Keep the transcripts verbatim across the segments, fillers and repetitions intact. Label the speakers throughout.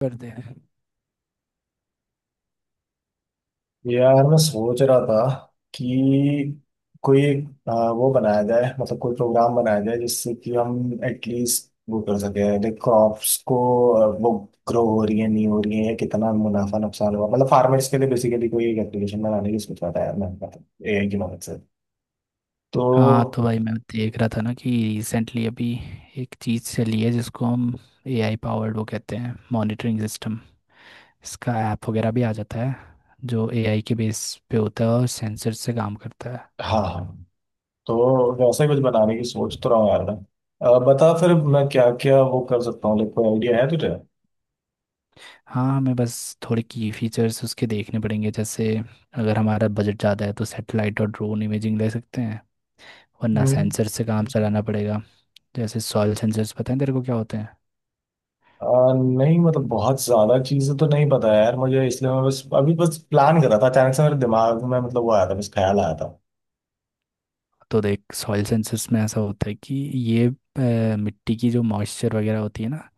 Speaker 1: करते हैं।
Speaker 2: यार मैं सोच रहा था कि कोई एक, आ, वो बनाया जाए मतलब कोई प्रोग्राम बनाया जाए जिससे कि हम एटलीस्ट वो कर सके लाइक क्रॉप्स को आ, वो ग्रो हो रही है नहीं हो रही है या कितना मुनाफा नुकसान हुआ मतलब फार्मर्स के लिए बेसिकली कोई एक एप्लीकेशन बनाने की सोच रहा था यार मैं मतलब एआई की मदद से।
Speaker 1: हाँ
Speaker 2: तो
Speaker 1: तो भाई मैं देख रहा था ना कि रिसेंटली अभी एक चीज़ चली है जिसको हम एआई पावर्ड वो कहते हैं, मॉनिटरिंग सिस्टम। इसका ऐप वगैरह भी आ जाता है जो एआई के बेस पे होता है और सेंसर से काम करता है।
Speaker 2: हाँ हाँ, तो वैसा ही कुछ बनाने की सोच तो रहा हूँ यार मैं। आ, बता फिर मैं क्या क्या वो कर सकता हूँ, लाइक कोई आइडिया है तुझे।
Speaker 1: हाँ हमें बस थोड़े की फीचर्स उसके देखने पड़ेंगे, जैसे अगर हमारा बजट ज़्यादा है तो सैटेलाइट और ड्रोन इमेजिंग ले सकते हैं, वरना
Speaker 2: हम्म।
Speaker 1: सेंसर से काम चलाना पड़ेगा। जैसे सॉइल सेंसर्स, पता है तेरे को क्या होते हैं?
Speaker 2: आ, नहीं मतलब बहुत ज्यादा चीजें तो नहीं पता यार मुझे, इसलिए मैं बस अभी बस प्लान कर रहा था। अचानक से मेरे दिमाग में मतलब वो आया था, बस ख्याल आया था।
Speaker 1: तो देख, सॉइल सेंसस में ऐसा होता है कि ये अ, मिट्टी की जो मॉइस्चर वगैरह होती है ना,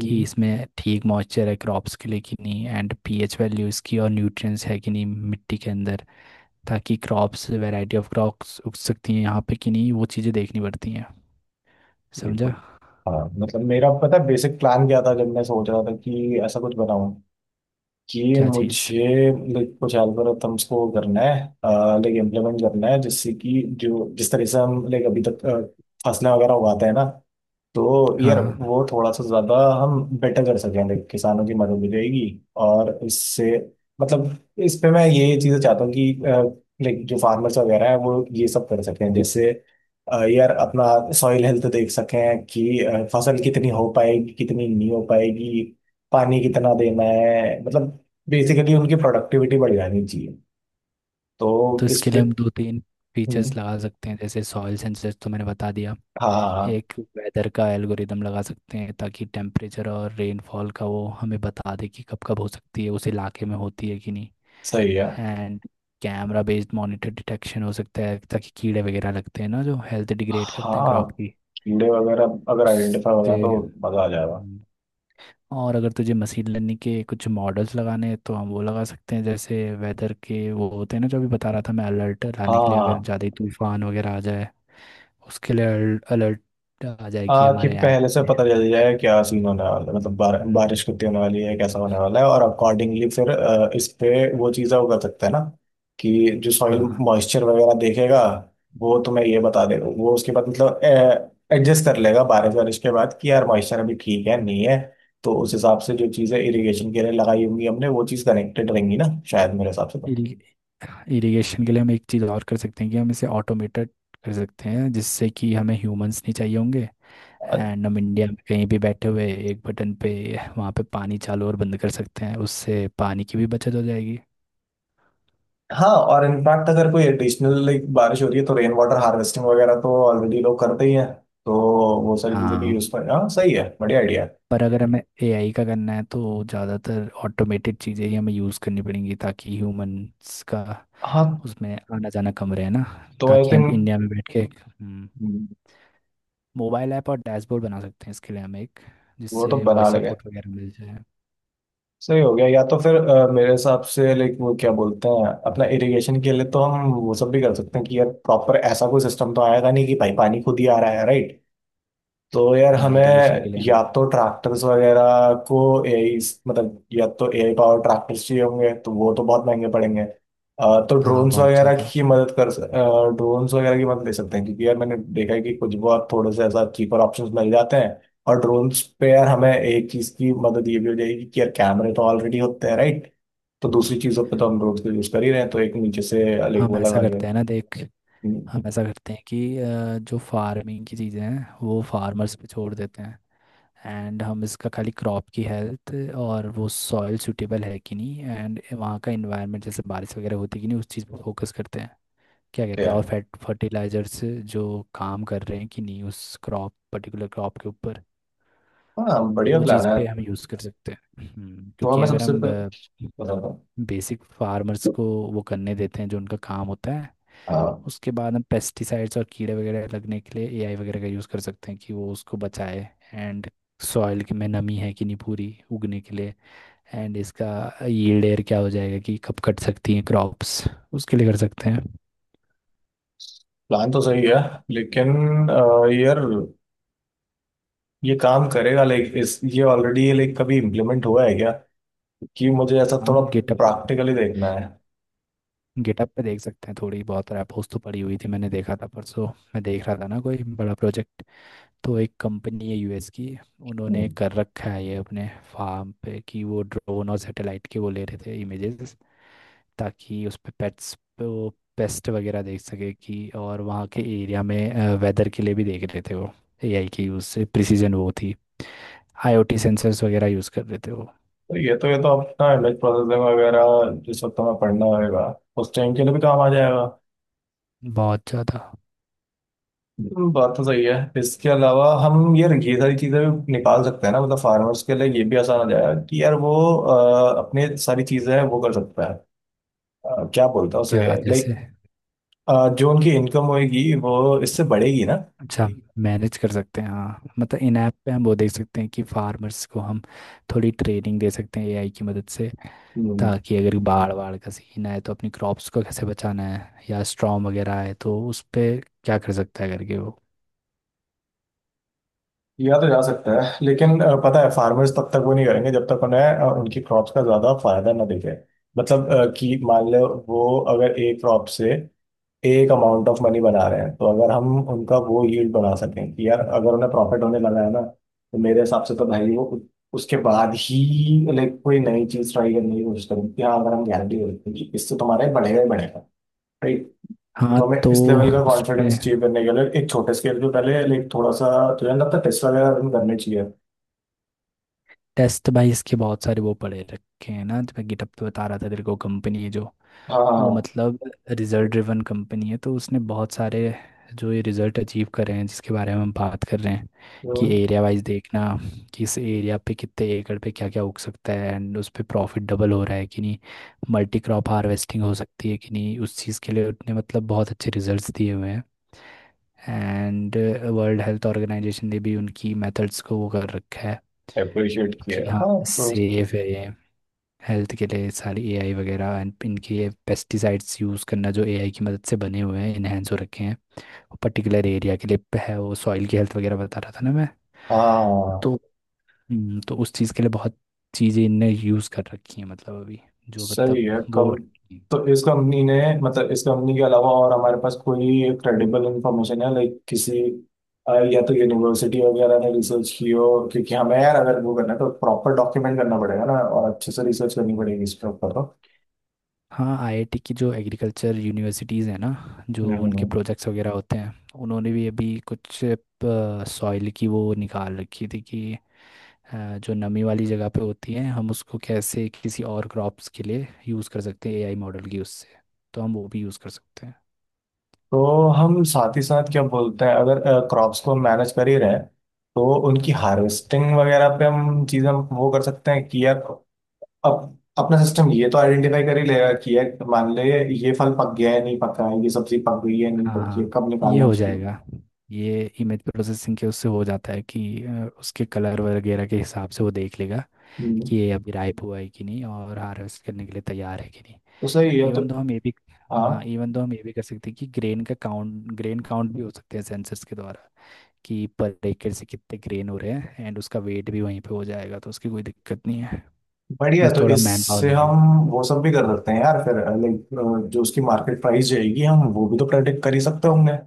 Speaker 1: कि इसमें ठीक मॉइस्चर है क्रॉप्स के लिए कि नहीं, एंड पीएच वैल्यू इसकी और न्यूट्रिएंट्स है कि नहीं मिट्टी के अंदर। ताकि क्रॉप्स वैरायटी ऑफ क्रॉप्स उग सकती हैं यहाँ पे कि नहीं, वो चीज़ें देखनी पड़ती हैं।
Speaker 2: ये तो
Speaker 1: समझा?
Speaker 2: हाँ, मतलब मेरा पता है बेसिक प्लान क्या था जब मैं सोच रहा था कि ऐसा कुछ बनाऊं, कि
Speaker 1: क्या चीज़?
Speaker 2: मुझे like, कुछ एल्गोरिथम्स को करना है लाइक इम्प्लीमेंट करना है, जिससे कि जो जिस तरह से हम लाइक अभी तक अ, फसलें वगैरह उगाते हैं ना, तो यार
Speaker 1: हाँ
Speaker 2: वो थोड़ा सा ज्यादा हम बेटर कर सकें। देख, किसानों की मदद मिलेगी और इससे मतलब इस पे मैं ये चीजें चाहता हूँ कि लाइक जो फार्मर्स वगैरह है वो ये सब कर सकें। जैसे अ, यार अपना सॉइल हेल्थ देख सकें कि अ, फसल कितनी हो पाएगी कितनी नहीं हो पाएगी, पानी कितना देना है मतलब बेसिकली उनकी प्रोडक्टिविटी बढ़ जानी चाहिए। तो
Speaker 1: तो
Speaker 2: इस
Speaker 1: इसके
Speaker 2: पे
Speaker 1: लिए हम दो तीन फीचर्स
Speaker 2: हम्म,
Speaker 1: लगा सकते हैं। जैसे सॉइल सेंसस तो मैंने बता दिया।
Speaker 2: हाँ हाँ, हाँ,
Speaker 1: एक वेदर का एल्गोरिदम लगा सकते हैं ताकि टेम्परेचर और रेनफॉल का वो हमें बता दे कि कब कब हो सकती है, उस इलाके में होती है कि नहीं।
Speaker 2: सही है।
Speaker 1: And camera based monitor detection हो सकता है ताकि कीड़े वगैरह लगते हैं ना जो हेल्थ डिग्रेड करते हैं
Speaker 2: हाँ,
Speaker 1: क्रॉप की,
Speaker 2: कीड़े वगैरह अगर आइडेंटिफाई हो जाए
Speaker 1: उससे।
Speaker 2: तो मजा आ जाएगा।
Speaker 1: हम्म। और अगर तुझे मशीन लर्निंग के कुछ मॉडल्स लगाने हैं तो हम वो लगा सकते हैं, जैसे वेदर के वो होते हैं ना जो अभी बता रहा था मैं, अलर्ट
Speaker 2: हाँ
Speaker 1: लाने के लिए अगर
Speaker 2: हाँ,
Speaker 1: ज़्यादा ही तूफान वगैरह आ जाए उसके लिए अलर्ट आ जाए कि
Speaker 2: आ, कि
Speaker 1: हमारे ऐप
Speaker 2: पहले से
Speaker 1: पे।
Speaker 2: पता चल जाए क्या सीन होने वाला है, मतलब बार,
Speaker 1: हम्म।
Speaker 2: बारिश कितनी होने वाली है, कैसा होने वाला है, और अकॉर्डिंगली फिर अ, इस पे वो चीज़ें वो कर सकते हैं ना, कि जो सॉइल
Speaker 1: हाँ
Speaker 2: मॉइस्चर वगैरह देखेगा वो तुम्हें ये बता देगा। वो उसके बाद मतलब एडजस्ट कर लेगा बारिश वारिश के बाद कि यार मॉइस्चर अभी ठीक है नहीं है। तो उस हिसाब से जो चीज़ें इरिगेशन के लिए लगाई होंगी हमने, वो चीज़ कनेक्टेड रहेंगी ना, शायद मेरे हिसाब से।
Speaker 1: इरिगेशन के लिए हम एक चीज़ और कर सकते हैं कि हम इसे ऑटोमेटेड कर सकते हैं जिससे कि हमें ह्यूमंस नहीं चाहिए होंगे।
Speaker 2: तो
Speaker 1: एंड हम इंडिया में कहीं भी बैठे हुए एक बटन पे वहाँ पे पानी चालू और बंद कर सकते हैं, उससे पानी की भी बचत हो जाएगी।
Speaker 2: हाँ, और इनफैक्ट अगर कोई एडिशनल लाइक बारिश हो रही है तो रेन वाटर हार्वेस्टिंग वगैरह तो ऑलरेडी लोग करते ही हैं। तो वो सारी चीजें भी
Speaker 1: हाँ
Speaker 2: यूज पर, हाँ सही है, बढ़िया आइडिया है।
Speaker 1: पर अगर हमें एआई का करना है तो ज़्यादातर ऑटोमेटेड चीज़ें ही हमें यूज़ करनी पड़ेंगी ताकि ह्यूमंस का
Speaker 2: हाँ
Speaker 1: उसमें आना जाना कम रहे ना।
Speaker 2: तो आई
Speaker 1: ताकि
Speaker 2: थिंक
Speaker 1: हम इंडिया में बैठ के हम्म, मोबाइल ऐप और डैशबोर्ड बना सकते हैं, इसके लिए हम एक
Speaker 2: वो तो
Speaker 1: जिससे
Speaker 2: बना
Speaker 1: वॉइस
Speaker 2: लगे
Speaker 1: सपोर्ट वगैरह मिल जाए।
Speaker 2: सही हो गया, या तो फिर अ, मेरे हिसाब से लाइक वो क्या बोलते हैं अपना इरिगेशन के लिए, तो हम वो सब भी कर सकते हैं कि यार प्रॉपर ऐसा कोई सिस्टम तो आएगा नहीं कि भाई पानी खुद ही आ रहा है, राइट। तो यार
Speaker 1: हाँ
Speaker 2: हमें
Speaker 1: इरिगेशन के लिए हम।
Speaker 2: या तो ट्रैक्टर्स वगैरह को एआई, मतलब या तो एआई पावर ट्रैक्टर्स चाहिए होंगे तो वो तो बहुत महंगे पड़ेंगे। अ, तो
Speaker 1: हाँ
Speaker 2: ड्रोन्स
Speaker 1: बहुत
Speaker 2: वगैरह
Speaker 1: ज़्यादा।
Speaker 2: की मदद कर ड्रोन्स वगैरह की मदद ले सकते हैं, क्योंकि यार मैंने देखा है कि कुछ बहुत थोड़े से ऐसा चीपर ऑप्शंस मिल जाते हैं। और ड्रोन्स पे यार हमें एक चीज़ की मदद ये भी हो जाएगी कि यार कैमरे तो ऑलरेडी होते हैं, राइट। तो दूसरी चीज़ों पे तो हम ड्रोन्स का यूज़ कर ही रहे हैं, तो एक नीचे से अलग
Speaker 1: हम
Speaker 2: वो
Speaker 1: ऐसा
Speaker 2: लगा लिया।
Speaker 1: करते हैं ना देख,
Speaker 2: हम्म,
Speaker 1: हम ऐसा करते हैं कि अ, जो फार्मिंग की चीज़ें हैं वो फार्मर्स पे छोड़ देते हैं। एंड हम इसका खाली क्रॉप की हेल्थ और वो सॉइल सूटेबल है कि नहीं एंड वहाँ का इन्वायरमेंट जैसे बारिश वगैरह होती है कि नहीं, उस चीज़ पर फोकस करते हैं। क्या कहते
Speaker 2: क्या
Speaker 1: हैं, और
Speaker 2: है,
Speaker 1: फैट फर्टिलाइजर्स जो काम कर रहे हैं कि नहीं उस क्रॉप पर्टिकुलर क्रॉप के ऊपर।
Speaker 2: हाँ बढ़िया
Speaker 1: वो
Speaker 2: प्लान
Speaker 1: चीज़
Speaker 2: है।
Speaker 1: पे हम यूज़ कर सकते हैं। हम्म,
Speaker 2: तो
Speaker 1: क्योंकि
Speaker 2: हमें
Speaker 1: अगर
Speaker 2: सबसे
Speaker 1: हम
Speaker 2: पहले बताता
Speaker 1: बेसिक फार्मर्स को वो करने देते हैं जो उनका काम होता है,
Speaker 2: हूँ।
Speaker 1: उसके बाद हम पेस्टिसाइड्स और कीड़े वगैरह लगने के लिए एआई वगैरह का यूज़ कर सकते हैं कि वो उसको बचाए। एंड सॉइल में नमी है कि नहीं पूरी उगने के लिए, एंड इसका यील्ड एयर क्या हो जाएगा कि कब कट सकती हैं क्रॉप्स, उसके लिए कर सकते हैं।
Speaker 2: प्लान तो सही है, लेकिन अ, यार ये काम करेगा लाइक इस ये ऑलरेडी ये लाइक कभी इम्प्लीमेंट हुआ है क्या, कि मुझे ऐसा
Speaker 1: हम
Speaker 2: थोड़ा
Speaker 1: गिटअप
Speaker 2: प्रैक्टिकली देखना है।
Speaker 1: गिटअप पे देख सकते हैं, थोड़ी बहुत रैपोस तो पड़ी हुई थी, मैंने देखा था परसों। मैं देख रहा था ना कोई बड़ा प्रोजेक्ट, तो एक कंपनी है यूएस की, उन्होंने
Speaker 2: हम्म।
Speaker 1: कर रखा है ये अपने फार्म पे कि वो ड्रोन और सैटेलाइट के वो ले रहे थे इमेजेस, ताकि उस पे पेट्स पे वो पेस्ट वगैरह देख सके, कि और वहाँ के एरिया में वेदर के लिए भी देख रहे थे वो। एआई के यूज़ से प्रिसीजन वो थी, आईओटी सेंसर्स वगैरह यूज़ कर रहे थे वो।
Speaker 2: तो ये तो ये तो अपना इमेज प्रोसेसिंग वगैरह जिस वक्त हमें पढ़ना होगा उस टाइम के लिए भी काम आ जाएगा।
Speaker 1: बहुत ज़्यादा।
Speaker 2: हम्म, बात तो सही है। इसके अलावा हम यार ये सारी चीज़ें भी निकाल सकते हैं ना, मतलब फार्मर्स के लिए ये भी आसान हो जाएगा कि यार वो अ, अपने सारी चीज़ें वो कर सकता है। अ, क्या बोलता है उसे,
Speaker 1: क्या जैसे?
Speaker 2: लाइक जो उनकी इनकम होगी वो इससे बढ़ेगी ना।
Speaker 1: अच्छा ठीक, मैनेज कर सकते हैं। हाँ मतलब इन ऐप पे हम वो देख सकते हैं कि फार्मर्स को हम थोड़ी ट्रेनिंग दे सकते हैं एआई की मदद से,
Speaker 2: हम्म,
Speaker 1: ताकि अगर बाढ़ वाड़ का सीन आए तो अपनी क्रॉप्स को कैसे बचाना है, या स्टॉर्म वगैरह आए तो उस पे क्या कर सकता है करके वो।
Speaker 2: किया तो जा सकता है लेकिन अ, पता है फार्मर्स तब तक वो नहीं करेंगे जब तक उन्हें अ, उनकी क्रॉप्स का ज्यादा फायदा ना दिखे। मतलब अ, कि मान लो वो अगर एक क्रॉप से एक अमाउंट ऑफ मनी बना रहे हैं, तो अगर हम उनका वो यील्ड बना सकें कि यार अगर उन्हें प्रॉफिट होने लगा है ना, तो मेरे हिसाब से तो भाई वो उ- उसके बाद ही लाइक कोई नई चीज ट्राई करने की कोशिश करें। कि हाँ, अगर हम गारंटी दे सकते हैं कि इससे तुम्हारे बढ़ेगा ही बढ़ेगा, right?
Speaker 1: हाँ
Speaker 2: तो हमें
Speaker 1: तो
Speaker 2: इस लेवल का
Speaker 1: उस पे।
Speaker 2: कॉन्फिडेंस चाहिए, करने के लिए एक छोटे स्केल पे पहले लाइक थोड़ा सा, तुझे नहीं लगता टेस्ट वगैरह रन करने चाहिए।
Speaker 1: टेस्ट भाई इसके बहुत सारे वो पड़े रखे हैं ना, जो मैं गिटहब पे बता रहा था तेरे को, कंपनी है जो, वो
Speaker 2: हाँ
Speaker 1: मतलब रिजल्ट ड्रिवन कंपनी है, तो उसने बहुत सारे जो ये रिजल्ट अचीव कर रहे हैं जिसके बारे में हम बात कर रहे हैं, कि
Speaker 2: हाँ,
Speaker 1: एरिया वाइज देखना, कि इस एरिया पे कितने एकड़ पे क्या क्या उग सकता है एंड उस पे प्रॉफिट डबल हो रहा है कि नहीं, मल्टी क्रॉप हार्वेस्टिंग हो सकती है कि नहीं, उस चीज़ के लिए उसने मतलब बहुत अच्छे रिजल्ट्स दिए हुए हैं। एंड वर्ल्ड हेल्थ ऑर्गेनाइजेशन ने भी उनकी मेथड्स को वो कर रखा है
Speaker 2: अप्रिशिएट
Speaker 1: कि
Speaker 2: किया,
Speaker 1: हाँ
Speaker 2: हाँ तो
Speaker 1: सेफ है ये। हेल्थ के लिए सारी एआई वगैरह, एंड इनके ये पेस्टिसाइड्स यूज़ करना जो एआई की मदद से बने हुए हैं, इनहेंस हो रखे हैं पर्टिकुलर एरिया के लिए। प- है वो सॉइल की हेल्थ वगैरह बता रहा था ना मैं।
Speaker 2: हाँ
Speaker 1: तो हम्म, तो उस चीज़ के लिए बहुत चीज़ें इनने यूज़ कर रखी हैं, मतलब अभी, जो मतलब
Speaker 2: सही है
Speaker 1: वो हो
Speaker 2: कम।
Speaker 1: रखी हैं।
Speaker 2: तो इस कंपनी ने, मतलब इस कंपनी के अलावा और हमारे पास कोई क्रेडिबल इंफॉर्मेशन है लाइक किसी अ, या तो यूनिवर्सिटी वगैरह ने रिसर्च की हो, क्योंकि हमें यार अगर वो करना है तो प्रॉपर डॉक्यूमेंट करना पड़ेगा ना, और अच्छे से रिसर्च करनी पड़ेगी इस पर।
Speaker 1: हाँ आईआईटी की जो एग्रीकल्चर यूनिवर्सिटीज़ हैं ना, जो उनके
Speaker 2: तो
Speaker 1: प्रोजेक्ट्स वगैरह होते हैं, उन्होंने भी अभी कुछ सॉइल की वो निकाल रखी थी कि अ, जो नमी वाली जगह पे होती है हम उसको कैसे किसी और क्रॉप्स के लिए यूज़ कर सकते हैं एआई मॉडल की उससे, तो हम वो भी यूज़ कर सकते हैं।
Speaker 2: तो हम साथ ही साथ क्या बोलते हैं, अगर क्रॉप्स को मैनेज कर ही रहे हैं, तो उनकी हार्वेस्टिंग वगैरह पे हम चीज़ें वो कर सकते हैं कि यार अब अपना सिस्टम ये तो आइडेंटिफाई कर ही लेगा कि यार मान ले ये फल पक गया है नहीं पका है, ये सब्जी पक गई है नहीं
Speaker 1: हाँ
Speaker 2: पकी है,
Speaker 1: हाँ,
Speaker 2: कब
Speaker 1: ये
Speaker 2: निकालना
Speaker 1: हो
Speaker 2: चाहिए।
Speaker 1: जाएगा। ये इमेज प्रोसेसिंग के उससे हो जाता है कि अ, उसके कलर वगैरह के हिसाब से वो देख लेगा
Speaker 2: हम्म,
Speaker 1: कि ये अभी राइप हुआ है कि नहीं और हार्वेस्ट करने के लिए तैयार है कि नहीं।
Speaker 2: तो सही है। तो
Speaker 1: इवन तो हम ये भी
Speaker 2: हाँ,
Speaker 1: हाँ इवन तो हम ये भी कर सकते हैं कि ग्रेन का काउंट ग्रेन काउंट भी हो सकते हैं सेंसर्स के द्वारा, कि पर एकड़ से कितने ग्रेन हो रहे हैं, एंड उसका वेट भी वहीं पे हो जाएगा तो उसकी कोई दिक्कत नहीं है।
Speaker 2: बढ़िया है,
Speaker 1: बस
Speaker 2: तो
Speaker 1: थोड़ा मैन पावर
Speaker 2: इससे
Speaker 1: लगेगा।
Speaker 2: हम वो सब भी कर सकते हैं यार फिर, लाइक जो उसकी मार्केट प्राइस जाएगी हम वो भी तो प्रेडिक्ट कर ही सकते होंगे।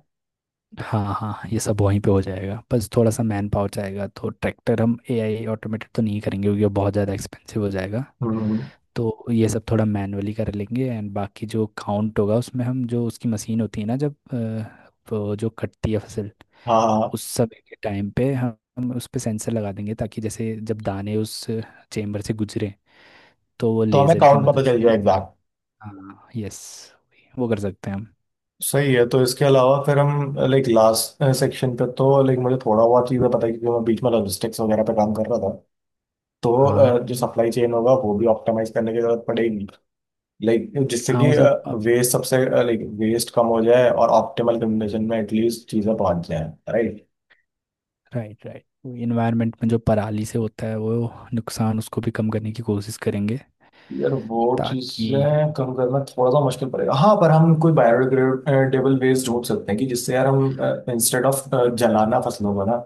Speaker 1: हाँ हाँ हाँ, ये सब वहीं पे हो जाएगा, बस थोड़ा सा मैन पावर जाएगा, तो ट्रैक्टर हम एआई ऑटोमेटेड तो नहीं करेंगे क्योंकि वो बहुत ज़्यादा एक्सपेंसिव हो जाएगा।
Speaker 2: हम्म,
Speaker 1: तो ये सब थोड़ा मैनुअली कर लेंगे, एंड बाकी जो काउंट होगा उसमें हम जो उसकी मशीन होती है ना जब अ, वो जो कटती है फसल,
Speaker 2: हाँ हाँ,
Speaker 1: उस समय के टाइम पे हम हम उस पे सेंसर लगा देंगे ताकि जैसे जब दाने उस चेम्बर से गुजरे तो वो
Speaker 2: तो हमें
Speaker 1: लेज़र की
Speaker 2: काउंट पता
Speaker 1: मदद
Speaker 2: चल
Speaker 1: से।
Speaker 2: जाएगा।
Speaker 1: हाँ यस, वो कर सकते हैं हम।
Speaker 2: सही है। तो इसके अलावा फिर हम लाइक लास्ट सेक्शन पे तो लाइक मुझे थोड़ा बहुत चीज़ें पता है क्योंकि मैं बीच में लॉजिस्टिक्स वगैरह पे काम कर रहा था। तो
Speaker 1: हाँ
Speaker 2: अ, जो सप्लाई चेन होगा वो भी ऑप्टिमाइज करने की जरूरत पड़ेगी, लाइक जिससे
Speaker 1: हाँ,
Speaker 2: कि
Speaker 1: वो सब।
Speaker 2: वेस्ट सबसे लाइक वेस्ट कम हो जाए और ऑप्टिमल कंडीशन में एटलीस्ट चीज़ें पहुंच जाए।
Speaker 1: राइट राइट, वो इन्वायरमेंट में जो पराली से होता है वो नुकसान उसको भी कम करने की कोशिश करेंगे।
Speaker 2: यार वो
Speaker 1: ताकि
Speaker 2: चीजें कम करना थोड़ा सा मुश्किल पड़ेगा, हाँ पर हम कोई बायोडिग्रेडेबल वेस्ट ढूंढ सकते हैं कि जिससे यार हम इंस्टेड ऑफ जलाना फसलों को ना,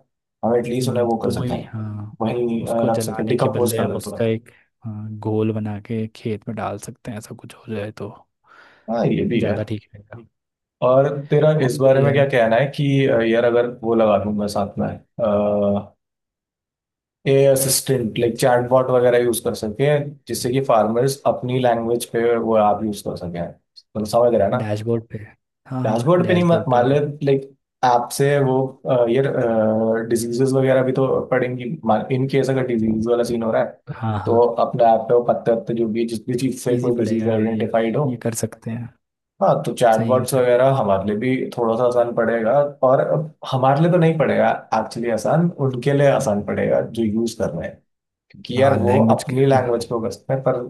Speaker 2: हम एटलीस्ट उन्हें
Speaker 1: हम्म,
Speaker 2: वो कर
Speaker 1: तो
Speaker 2: सकें,
Speaker 1: वही, हाँ
Speaker 2: वहीं अ,
Speaker 1: उसको
Speaker 2: रख सकें,
Speaker 1: जलाने के
Speaker 2: डिकम्पोज
Speaker 1: बदले
Speaker 2: कर
Speaker 1: हम
Speaker 2: देते
Speaker 1: उसका
Speaker 2: हैं।
Speaker 1: एक, हाँ, घोल बना के खेत में डाल सकते हैं, ऐसा कुछ हो जाए तो
Speaker 2: हाँ ये भी है।
Speaker 1: ज़्यादा ठीक रहेगा।
Speaker 2: और तेरा
Speaker 1: और
Speaker 2: इस बारे
Speaker 1: वही
Speaker 2: में क्या
Speaker 1: है।
Speaker 2: कहना है कि अ, यार अगर वो लगा दूंगा साथ में ए असिस्टेंट लाइक चैटबॉट वगैरह यूज कर सके, जिससे कि फार्मर्स अपनी लैंग्वेज पे वो ऐप यूज कर सकें, तुम समझ रहे हैं।
Speaker 1: डैशबोर्ड पे। हाँ हाँ
Speaker 2: डैशबोर्ड पे नहीं, मा-
Speaker 1: डैशबोर्ड पे
Speaker 2: मान ले
Speaker 1: हम।
Speaker 2: लाइक ऐप से वो अ, ये डिजीजेस वगैरह भी तो पड़ेंगी, इन केस अगर डिजीज वाला सीन हो रहा है,
Speaker 1: हाँ
Speaker 2: तो
Speaker 1: हाँ
Speaker 2: अपने ऐप पे वो पत्ते वत्ते जो भी जिस भी चीज से
Speaker 1: इजी
Speaker 2: कोई डिजीज
Speaker 1: पड़ेगा, हाँ, ये
Speaker 2: आइडेंटिफाइड हो।
Speaker 1: ये कर सकते हैं।
Speaker 2: हाँ तो
Speaker 1: सही
Speaker 2: चैटबॉट्स
Speaker 1: है।
Speaker 2: वगैरह हमारे लिए भी थोड़ा सा आसान पड़ेगा। और अब हमारे लिए तो नहीं पड़ेगा, एक्चुअली आसान उनके लिए आसान पड़ेगा जो यूज कर रहे हैं, क्योंकि
Speaker 1: हाँ
Speaker 2: यार वो
Speaker 1: लैंग्वेज के,
Speaker 2: अपनी लैंग्वेज पे बसते हैं। पर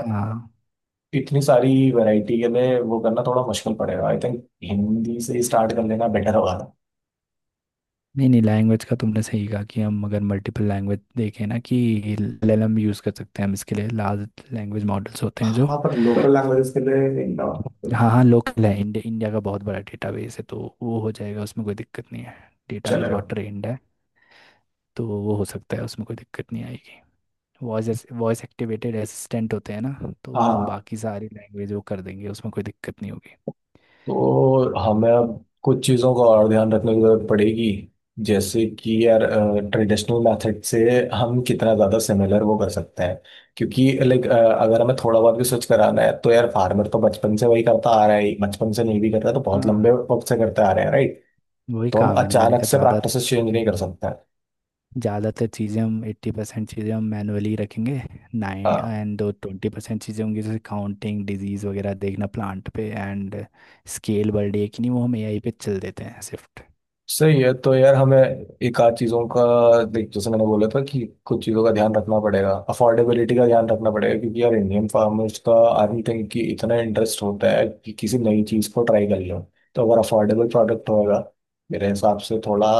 Speaker 1: हाँ
Speaker 2: इतनी सारी वैरायटी के लिए वो करना थोड़ा मुश्किल पड़ेगा, आई थिंक हिंदी से ही स्टार्ट कर लेना बेटर होगा।
Speaker 1: नहीं नहीं, लैंग्वेज का तुमने सही कहा कि हम अगर मल्टीपल लैंग्वेज देखें ना, कि एलएलएम यूज़ कर सकते हैं हम इसके लिए, लार्ज लैंग्वेज मॉडल्स होते हैं जो।
Speaker 2: हाँ, पर लोकल लैंग्वेजेस के लिए इनका
Speaker 1: हाँ हाँ लोकल है, इंडिया इंडिया का बहुत बड़ा डेटाबेस है, तो वो हो जाएगा, उसमें कोई दिक्कत नहीं है। डेटाबेस
Speaker 2: चलेगा।
Speaker 1: बहुत ट्रेंड है। तो वो हो सकता है, उसमें कोई दिक्कत नहीं आएगी। वॉइस वॉइस एक्टिवेटेड असिस्टेंट होते हैं ना, तो वो
Speaker 2: हाँ
Speaker 1: बाकी सारी लैंग्वेज वो कर देंगे, उसमें कोई दिक्कत नहीं होगी।
Speaker 2: तो हमें अब कुछ चीज़ों का और ध्यान रखने की जरूरत पड़ेगी, जैसे कि यार ट्रेडिशनल मेथड से हम कितना ज़्यादा सिमिलर वो कर सकते हैं, क्योंकि लाइक अगर हमें थोड़ा बहुत भी स्विच कराना है तो यार फार्मर तो बचपन से वही करता आ रहा है, बचपन से नहीं भी करता तो बहुत
Speaker 1: हाँ
Speaker 2: लंबे वक्त से करते आ रहे हैं, राइट।
Speaker 1: वही
Speaker 2: तो हम
Speaker 1: काम है ना, मैंने
Speaker 2: अचानक
Speaker 1: कहा
Speaker 2: से
Speaker 1: ज़्यादा।
Speaker 2: प्रैक्टिसेस चेंज नहीं कर
Speaker 1: हम्म,
Speaker 2: सकते।
Speaker 1: ज़्यादातर चीज़ें हम, एट्टी परसेंट चीज़ें हम मैनुअली रखेंगे। नाइन
Speaker 2: हाँ
Speaker 1: एंड दो ट्वेंटी परसेंट चीज़ें होंगी, जैसे काउंटिंग डिजीज़ वगैरह देखना प्लांट पे, एंड स्केल बर्डे की नहीं, वो हम एआई पे चल देते हैं शिफ्ट।
Speaker 2: सही है। तो यार हमें एक आध चीज़ों का, देख जैसे मैंने बोला था कि कुछ चीज़ों का ध्यान रखना पड़ेगा, अफोर्डेबिलिटी का ध्यान रखना पड़ेगा, क्योंकि यार इंडियन फार्मर्स का आई डोंट थिंक कि इतना इंटरेस्ट होता है कि किसी नई चीज़ को ट्राई कर लो। तो अगर अफोर्डेबल प्रोडक्ट होगा मेरे हिसाब से थोड़ा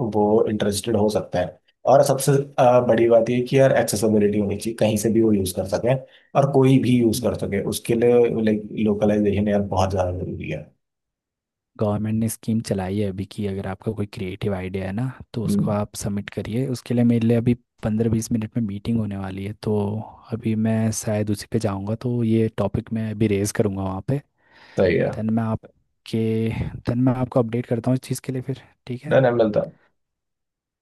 Speaker 2: वो इंटरेस्टेड हो सकता है। और सबसे अ, बड़ी बात ये कि यार एक्सेसिबिलिटी होनी चाहिए, कहीं से भी वो यूज़ कर सकें, और कोई भी यूज़ कर सके उसके लिए लाइक लोकलाइजेशन यार बहुत ज़्यादा जरूरी है।
Speaker 1: गवर्नमेंट ने स्कीम चलाई है अभी की अगर आपका कोई क्रिएटिव आइडिया है ना तो उसको
Speaker 2: हम्म,
Speaker 1: आप सबमिट करिए, उसके लिए मेरे लिए अभी पंद्रह बीस मिनट में मीटिंग होने वाली है, तो अभी मैं शायद उसी पे जाऊँगा, तो ये टॉपिक मैं अभी रेज करूँगा वहाँ पे।
Speaker 2: सही है।
Speaker 1: देन मैं आपके देन मैं आपको अपडेट करता हूँ इस चीज़ के लिए फिर। ठीक है।
Speaker 2: डन है, मिलता है।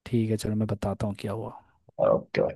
Speaker 1: ठीक है चलो, मैं बताता हूँ क्या हुआ।
Speaker 2: ओह जी।